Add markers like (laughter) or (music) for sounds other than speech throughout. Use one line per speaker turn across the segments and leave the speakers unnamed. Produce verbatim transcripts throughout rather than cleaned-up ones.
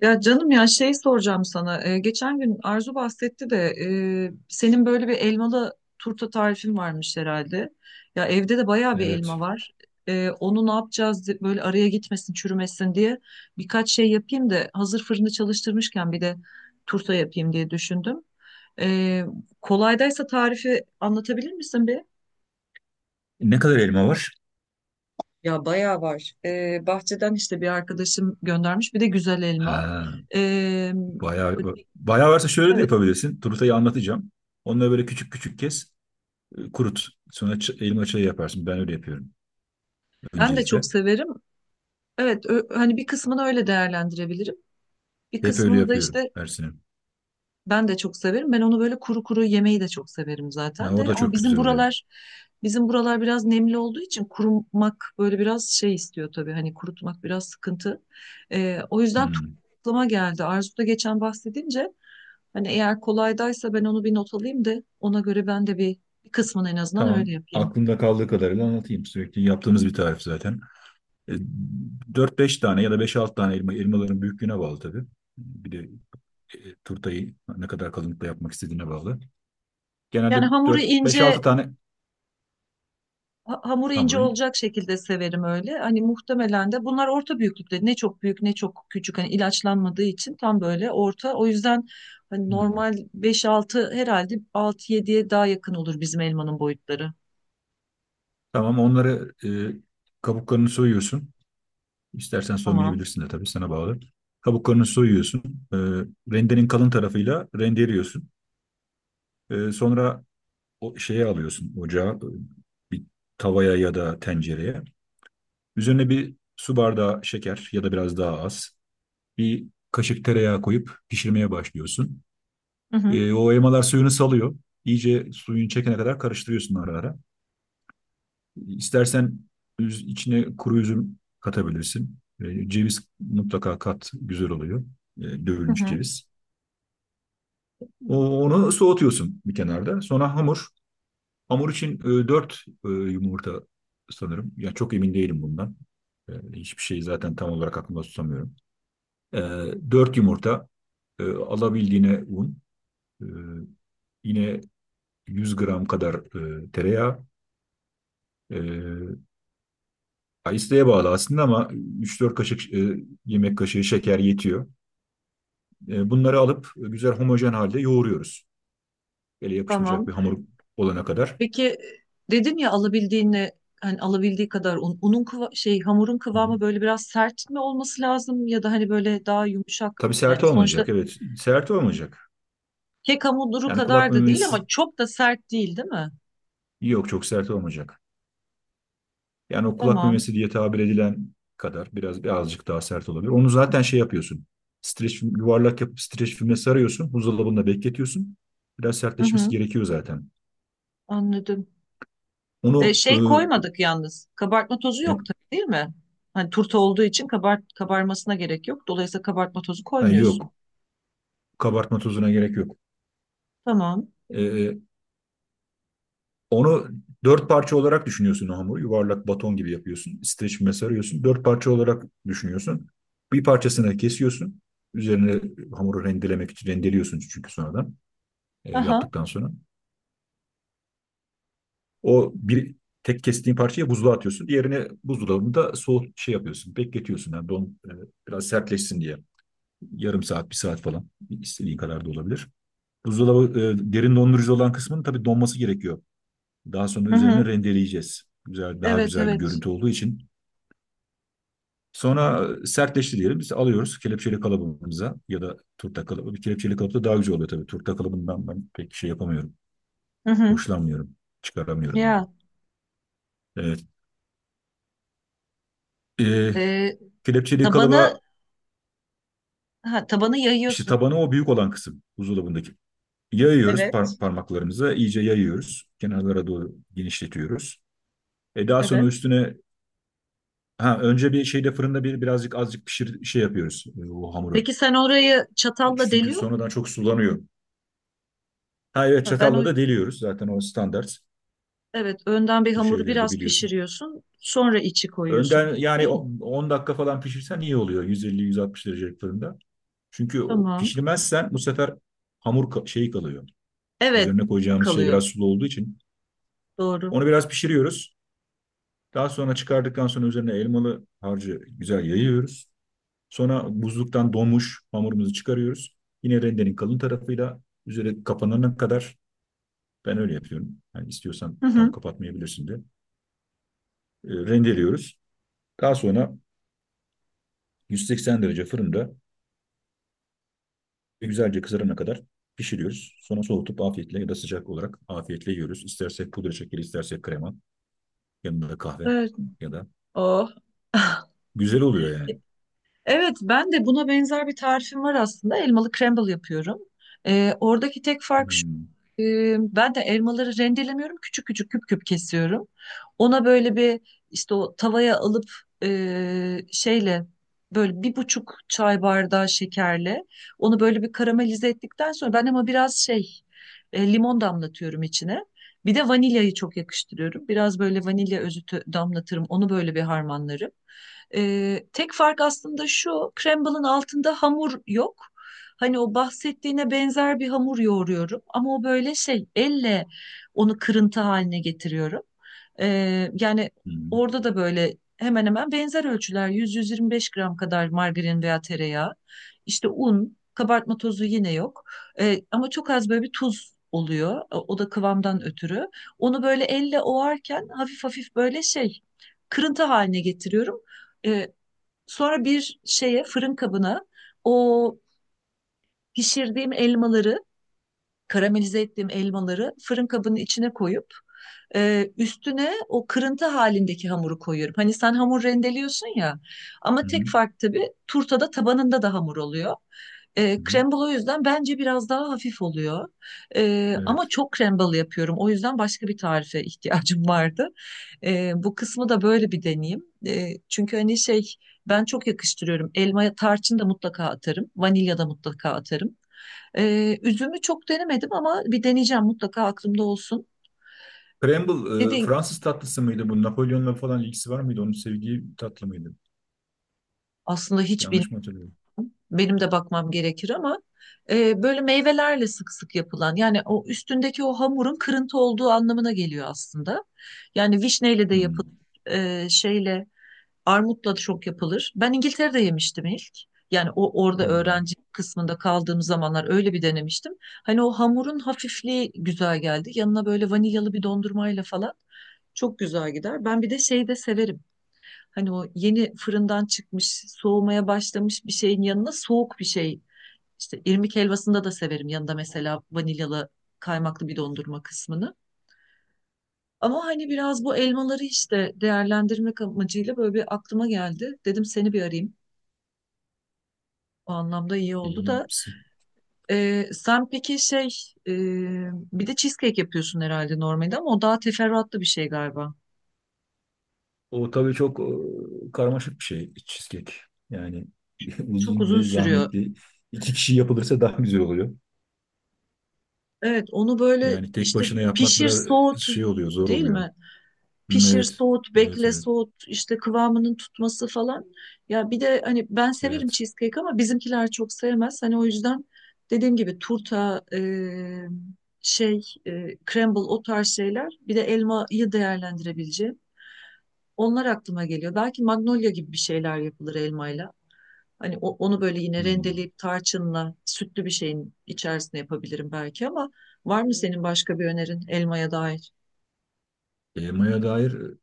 Ya canım ya şey soracağım sana. Ee, geçen gün Arzu bahsetti de e, senin böyle bir elmalı turta tarifin varmış herhalde. Ya evde de bayağı bir
Evet.
elma var. Ee, onu ne yapacağız de- böyle araya gitmesin, çürümesin diye birkaç şey yapayım da hazır fırını çalıştırmışken bir de turta yapayım diye düşündüm. Ee, kolaydaysa tarifi anlatabilir misin bir?
Ne kadar elma var?
Ya bayağı var. Ee, bahçeden işte bir arkadaşım göndermiş bir de güzel elma.
Ha,
Ee, böyle
bayağı
bir-
bayağı varsa şöyle de yapabilirsin. Turutayı anlatacağım. Onları böyle küçük küçük kes, e, kurut. Sonra ç- elma çayı yaparsın. Ben öyle yapıyorum
Ben de
öncelikle.
çok severim. Evet, ö- hani bir kısmını öyle değerlendirebilirim. Bir
Hep öyle
kısmını da
yapıyorum
işte
her sene.
ben de çok severim. Ben onu böyle kuru kuru yemeyi de çok severim
Ha,
zaten
o
de.
da
Ama
çok
bizim
güzel oluyor.
buralar bizim buralar biraz nemli olduğu için kurumak böyle biraz şey istiyor tabii. Hani kurutmak biraz sıkıntı. Ee, o yüzden tu-
Hmm.
aklıma geldi. Arzu da geçen bahsedince hani eğer kolaydaysa ben onu bir not alayım da ona göre ben de bir, bir kısmını en azından
Tamam.
öyle yapayım.
Aklımda kaldığı kadarıyla anlatayım. Sürekli yaptığımız bir tarif zaten. E, dört beş tane ya da beş altı tane elma. Elmaların büyüklüğüne bağlı tabii. Bir de e, turtayı ne kadar kalınlıkta yapmak istediğine bağlı. Genelde
Yani hamuru
dört beş altı
ince
tane
Ha- Hamuru ince
hamuru.
olacak şekilde severim öyle. Hani muhtemelen de bunlar orta büyüklükte. Ne çok büyük ne çok küçük. Hani ilaçlanmadığı için tam böyle orta. O yüzden hani
Hmm.
normal beş-altı herhalde altı-yediye daha yakın olur bizim elmanın boyutları.
Tamam onları, e, kabuklarını soyuyorsun. İstersen
Tamam.
soymayabilirsin de tabii sana bağlı. Kabuklarını soyuyorsun. E, Rendenin kalın tarafıyla rendeliyorsun. E, sonra o şeye alıyorsun ocağa, e, bir tavaya ya da tencereye. Üzerine bir su bardağı şeker ya da biraz daha az. Bir kaşık tereyağı koyup pişirmeye başlıyorsun.
Hı hı.
E, o elmalar suyunu salıyor. İyice suyun çekene kadar karıştırıyorsun ara ara. İstersen üz- içine kuru üzüm katabilirsin. E, ceviz mutlaka kat, güzel oluyor. E,
Hı
dövülmüş
hı.
ceviz. O- onu soğutuyorsun bir kenarda. Sonra hamur. Hamur için e, dört yumurta sanırım. Ya çok emin değilim bundan. E, hiçbir şeyi zaten tam olarak aklımda tutamıyorum. E, dört yumurta, e, alabildiğine un, e, yine yüz gram kadar e, tereyağı, e, ya İsteğe bağlı aslında ama üç dört kaşık e, yemek kaşığı şeker yetiyor. E, bunları alıp e, güzel homojen halde yoğuruyoruz. Ele yapışmayacak bir
Tamam.
hamur olana kadar.
Peki dedin ya alabildiğine hani alabildiği kadar un, unun kıva- şey hamurun
Hı hı.
kıvamı böyle biraz sert mi olması lazım ya da hani böyle daha yumuşak
Tabii sert
yani sonuçta
olmayacak, evet. Sert olmayacak.
kek hamuru
Yani kulak
kadar da değil ama
memesi
çok da sert değil değil mi?
yok, çok sert olmayacak. Yani o kulak
Tamam.
memesi diye tabir edilen kadar biraz birazcık daha sert olabilir. Onu zaten şey yapıyorsun. Streç, film- yuvarlak yapıp streç filme sarıyorsun. Buzdolabında bekletiyorsun. Biraz
Hı
sertleşmesi
hı,
gerekiyor zaten.
anladım. E,
Onu e,
şey koymadık yalnız. Kabartma tozu
ne-
yok tabii değil mi? Hani turta olduğu için kabart kabarmasına gerek yok. Dolayısıyla kabartma tozu
ha,
koymuyorsun.
yok. Kabartma tozuna gerek yok.
Tamam.
Ee, Onu dört parça olarak düşünüyorsun o hamuru. Yuvarlak baton gibi yapıyorsun. Streçme sarıyorsun. Dört parça olarak düşünüyorsun. Bir parçasını kesiyorsun. Üzerine hamuru rendelemek için rendeliyorsun çünkü sonradan, e,
Aha.
yaptıktan sonra. O bir tek kestiğin parçayı buzluğa atıyorsun. Diğerini buzdolabında soğut şey yapıyorsun. Bekletiyorsun. Yani don e, biraz sertleşsin diye. Yarım saat, bir saat falan. İstediğin kadar da olabilir. Buzdolabı, e, derin dondurucu olan kısmının tabii donması gerekiyor. Daha sonra
Hı
üzerine
hı.
rendeleyeceğiz. Güzel, daha
Evet,
güzel bir
evet.
görüntü olduğu için. Sonra, e, sertleşti diyelim. Biz alıyoruz kelepçeli kalıbımıza ya da turta kalıbı. Bir kelepçeli kalıp da daha güzel oluyor tabii. Turta kalıbından ben pek şey yapamıyorum.
Hı hı.
Hoşlanmıyorum. Çıkaramıyorum yani.
Ya.
Evet. Ee,
E,
Kelepçeli
tabanı
kalıba
Ha, tabanı
işte
yayıyorsun.
tabanı o büyük olan kısım buzdolabındaki. Yayıyoruz par-
Evet.
parmaklarımıza. İyice yayıyoruz. Kenarlara doğru genişletiyoruz. E daha sonra
Evet.
üstüne, ha, önce bir şeyde fırında bir birazcık azıcık pişir şey yapıyoruz, e, o hamuru.
Peki sen orayı çatalla
Çünkü
deliyor musun?
sonradan çok sulanıyor. Ha, evet,
Ha, ben o
çatalla da deliyoruz zaten o standart
evet önden bir
bu
hamuru
şeylerde
biraz
biliyorsun.
pişiriyorsun. Sonra içi
Önden
koyuyorsun.
yani,
Değil mi?
o- on dakika falan pişirsen iyi oluyor, yüz elli yüz altmış derecelik fırında. Çünkü o-
Tamam.
pişirmezsen bu sefer hamur ka- şey kalıyor.
Evet.
Üzerine koyacağımız şey
Kalıyor.
biraz sulu olduğu için.
Doğru.
Onu biraz pişiriyoruz. Daha sonra çıkardıktan sonra üzerine elmalı harcı güzel yayıyoruz. Sonra buzluktan donmuş hamurumuzu çıkarıyoruz. Yine rendenin kalın tarafıyla üzeri kapanana kadar. Ben öyle yapıyorum. Yani istiyorsan
Hı
tam
hı.
kapatmayabilirsin de. E, rendeliyoruz. Daha sonra yüz seksen derece fırında güzelce kızarana kadar pişiriyoruz. Sonra soğutup afiyetle ya da sıcak olarak afiyetle yiyoruz. İstersek pudra şekeri, istersek krema, yanında da kahve
Evet.
ya da
Oh. (laughs)
güzel oluyor yani.
Evet, ben de buna benzer bir tarifim var aslında. Elmalı crumble yapıyorum. Ee, oradaki tek fark şu.
Hmm,
e, ben de elmaları rendelemiyorum. Küçük küçük küp küp kesiyorum. Ona böyle bir işte o tavaya alıp e, şeyle böyle bir buçuk çay bardağı şekerle onu böyle bir karamelize ettikten sonra ben ama biraz şey e, limon damlatıyorum içine. Bir de vanilyayı çok yakıştırıyorum. Biraz böyle vanilya özütü damlatırım. Onu böyle bir harmanlarım. Ee, tek fark aslında şu: Crumble'ın altında hamur yok. Hani o bahsettiğine benzer bir hamur yoğuruyorum ama o böyle şey, elle onu kırıntı haline getiriyorum. Ee, yani
hmm,
orada da böyle hemen hemen benzer ölçüler, yüz yüz yirmi beş gram kadar margarin veya tereyağı. İşte un, kabartma tozu yine yok. Ee, ama çok az böyle bir tuz oluyor. O o da kıvamdan ötürü. Onu böyle elle ovarken hafif hafif böyle şey kırıntı haline getiriyorum. E, sonra bir şeye, fırın kabına, o pişirdiğim elmaları, karamelize ettiğim elmaları fırın kabının içine koyup e, üstüne o kırıntı halindeki hamuru koyuyorum. Hani sen hamur rendeliyorsun ya, ama tek
hmm,
fark tabii turtada tabanında da hamur oluyor. E,
hmm.
crumble o yüzden bence biraz daha hafif oluyor. E, ama
Evet.
çok crumble yapıyorum. O yüzden başka bir tarife (laughs) ihtiyacım vardı. E, bu kısmı da böyle bir deneyeyim. E, çünkü hani şey, ben çok yakıştırıyorum. Elma tarçın da mutlaka atarım. Vanilya da mutlaka atarım. E, üzümü çok denemedim ama bir deneyeceğim mutlaka, aklımda olsun.
Crumble, e,
Dediğin
Fransız tatlısı mıydı bu? Napolyon'la falan ilgisi var mıydı? Onun sevdiği tatlı mıydı?
aslında hiç
Yanlış mı hatırlıyorum?
Benim de bakmam gerekir ama e, böyle meyvelerle sık sık yapılan, yani o üstündeki o hamurun kırıntı olduğu anlamına geliyor aslında. Yani vişneyle de
Hmm,
yapılır, e, şeyle, armutla da çok yapılır. Ben İngiltere'de yemiştim ilk. Yani o orada
hmm.
öğrenci kısmında kaldığım zamanlar öyle bir denemiştim. Hani o hamurun hafifliği güzel geldi. Yanına böyle vanilyalı bir dondurmayla falan çok güzel gider. Ben bir de şeyi de severim. Hani o yeni fırından çıkmış, soğumaya başlamış bir şeyin yanına soğuk bir şey. İşte irmik helvasında da severim yanında, mesela vanilyalı kaymaklı bir dondurma kısmını. Ama hani biraz bu elmaları işte değerlendirmek amacıyla böyle bir aklıma geldi. Dedim seni bir arayayım. O anlamda iyi oldu
İyi.
da. Ee, sen peki şey, e, bir de cheesecake yapıyorsun herhalde normalde ama o daha teferruatlı bir şey galiba.
O tabii çok, e, karmaşık bir şey cheesecake. Yani (laughs)
Çok
uzun
uzun
ve
sürüyor.
zahmetli. İki kişi yapılırsa daha güzel oluyor.
Evet, onu böyle
Yani tek
işte
başına yapmak
pişir,
biraz, e,
soğut,
şey oluyor, zor
değil
oluyor.
mi?
Hmm,
Pişir,
evet,
soğut,
evet,
bekle,
evet,
soğut, işte kıvamının tutması falan. Ya bir de hani ben severim
evet.
cheesecake ama bizimkiler çok sevmez. Hani o yüzden dediğim gibi turta, e, şey, e, crumble, o tarz şeyler. Bir de elmayı değerlendirebileceğim. Onlar aklıma geliyor. Belki magnolia gibi bir şeyler yapılır elmayla. Hani o- onu böyle yine
Hmm.
rendeleyip tarçınla sütlü bir şeyin içerisine yapabilirim belki ama, var mı senin başka bir önerin elmaya dair?
Elmaya dair, e,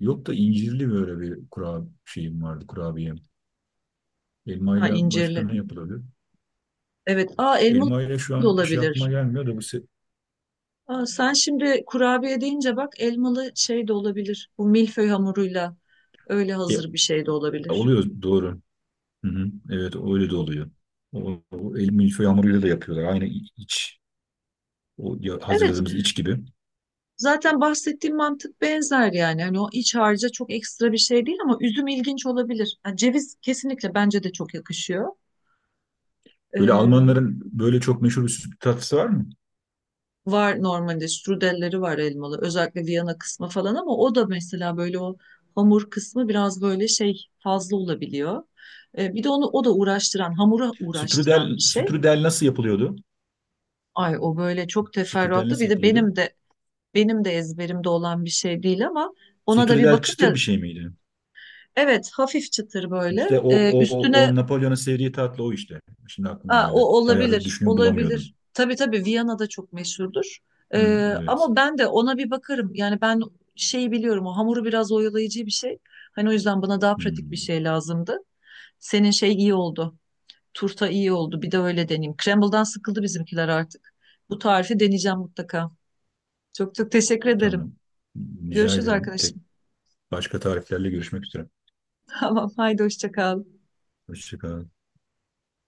yok da incirli böyle bir kura şeyim vardı, kurabiyem.
Ha,
Elmayla başka
incirli.
ne yapılabilir?
Evet. Aa, elmalı
Elmayla şu
da
an bir şey
olabilir.
aklıma gelmiyor da bu se-
Aa, sen şimdi kurabiye deyince bak, elmalı şey de olabilir. Bu milföy hamuruyla öyle
e,
hazır bir şey de olabilir.
oluyor doğru. Hı hı, evet öyle de oluyor. O, o el milföy hamuruyla da yapıyorlar. Aynı iç, O ya-
Evet.
hazırladığımız iç gibi.
Zaten bahsettiğim mantık benzer yani. Hani o iç harca çok ekstra bir şey değil ama üzüm ilginç olabilir. Ha, ceviz kesinlikle bence de çok yakışıyor.
Böyle
Ee,
Almanların böyle çok meşhur bir süt tatlısı var mı?
Var normalde strudelleri, var elmalı. Özellikle Viyana kısmı falan ama o da mesela böyle o hamur kısmı biraz böyle şey fazla olabiliyor. Ee, bir de onu, o da uğraştıran, hamura uğraştıran bir
Strudel,
şey.
strudel nasıl yapılıyordu?
Ay o böyle çok
Strudel
teferruatlı.
nasıl
Bir de
yapılıyordu?
benim de benim de ezberimde olan bir şey değil ama ona da bir
Strudel çıtır
bakınca,
bir şey miydi?
evet, hafif çıtır böyle.
İşte o,
Ee,
o, o,
üstüne
o Napolyon'un sevdiği tatlı o işte. Şimdi aklıma
Aa, o
geldi. Bayağıdır
olabilir,
düşünüyorum bulamıyordum.
olabilir. Tabii, tabii Viyana'da çok meşhurdur.
Hı,
Ee,
evet.
ama ben de ona bir bakarım. Yani ben şeyi biliyorum, o hamuru biraz oyalayıcı bir şey. Hani o yüzden bana daha
Hı,
pratik bir şey lazımdı. Senin şey iyi oldu. Turta iyi oldu. Bir de öyle deneyeyim. Crumble'dan sıkıldı bizimkiler artık. Bu tarifi deneyeceğim mutlaka. Çok çok teşekkür ederim.
tamam. Rica
Görüşürüz
ederim. Tek
arkadaşım.
başka tariflerle görüşmek üzere.
(laughs) Tamam, haydi hoşça kal.
Hoşçakalın.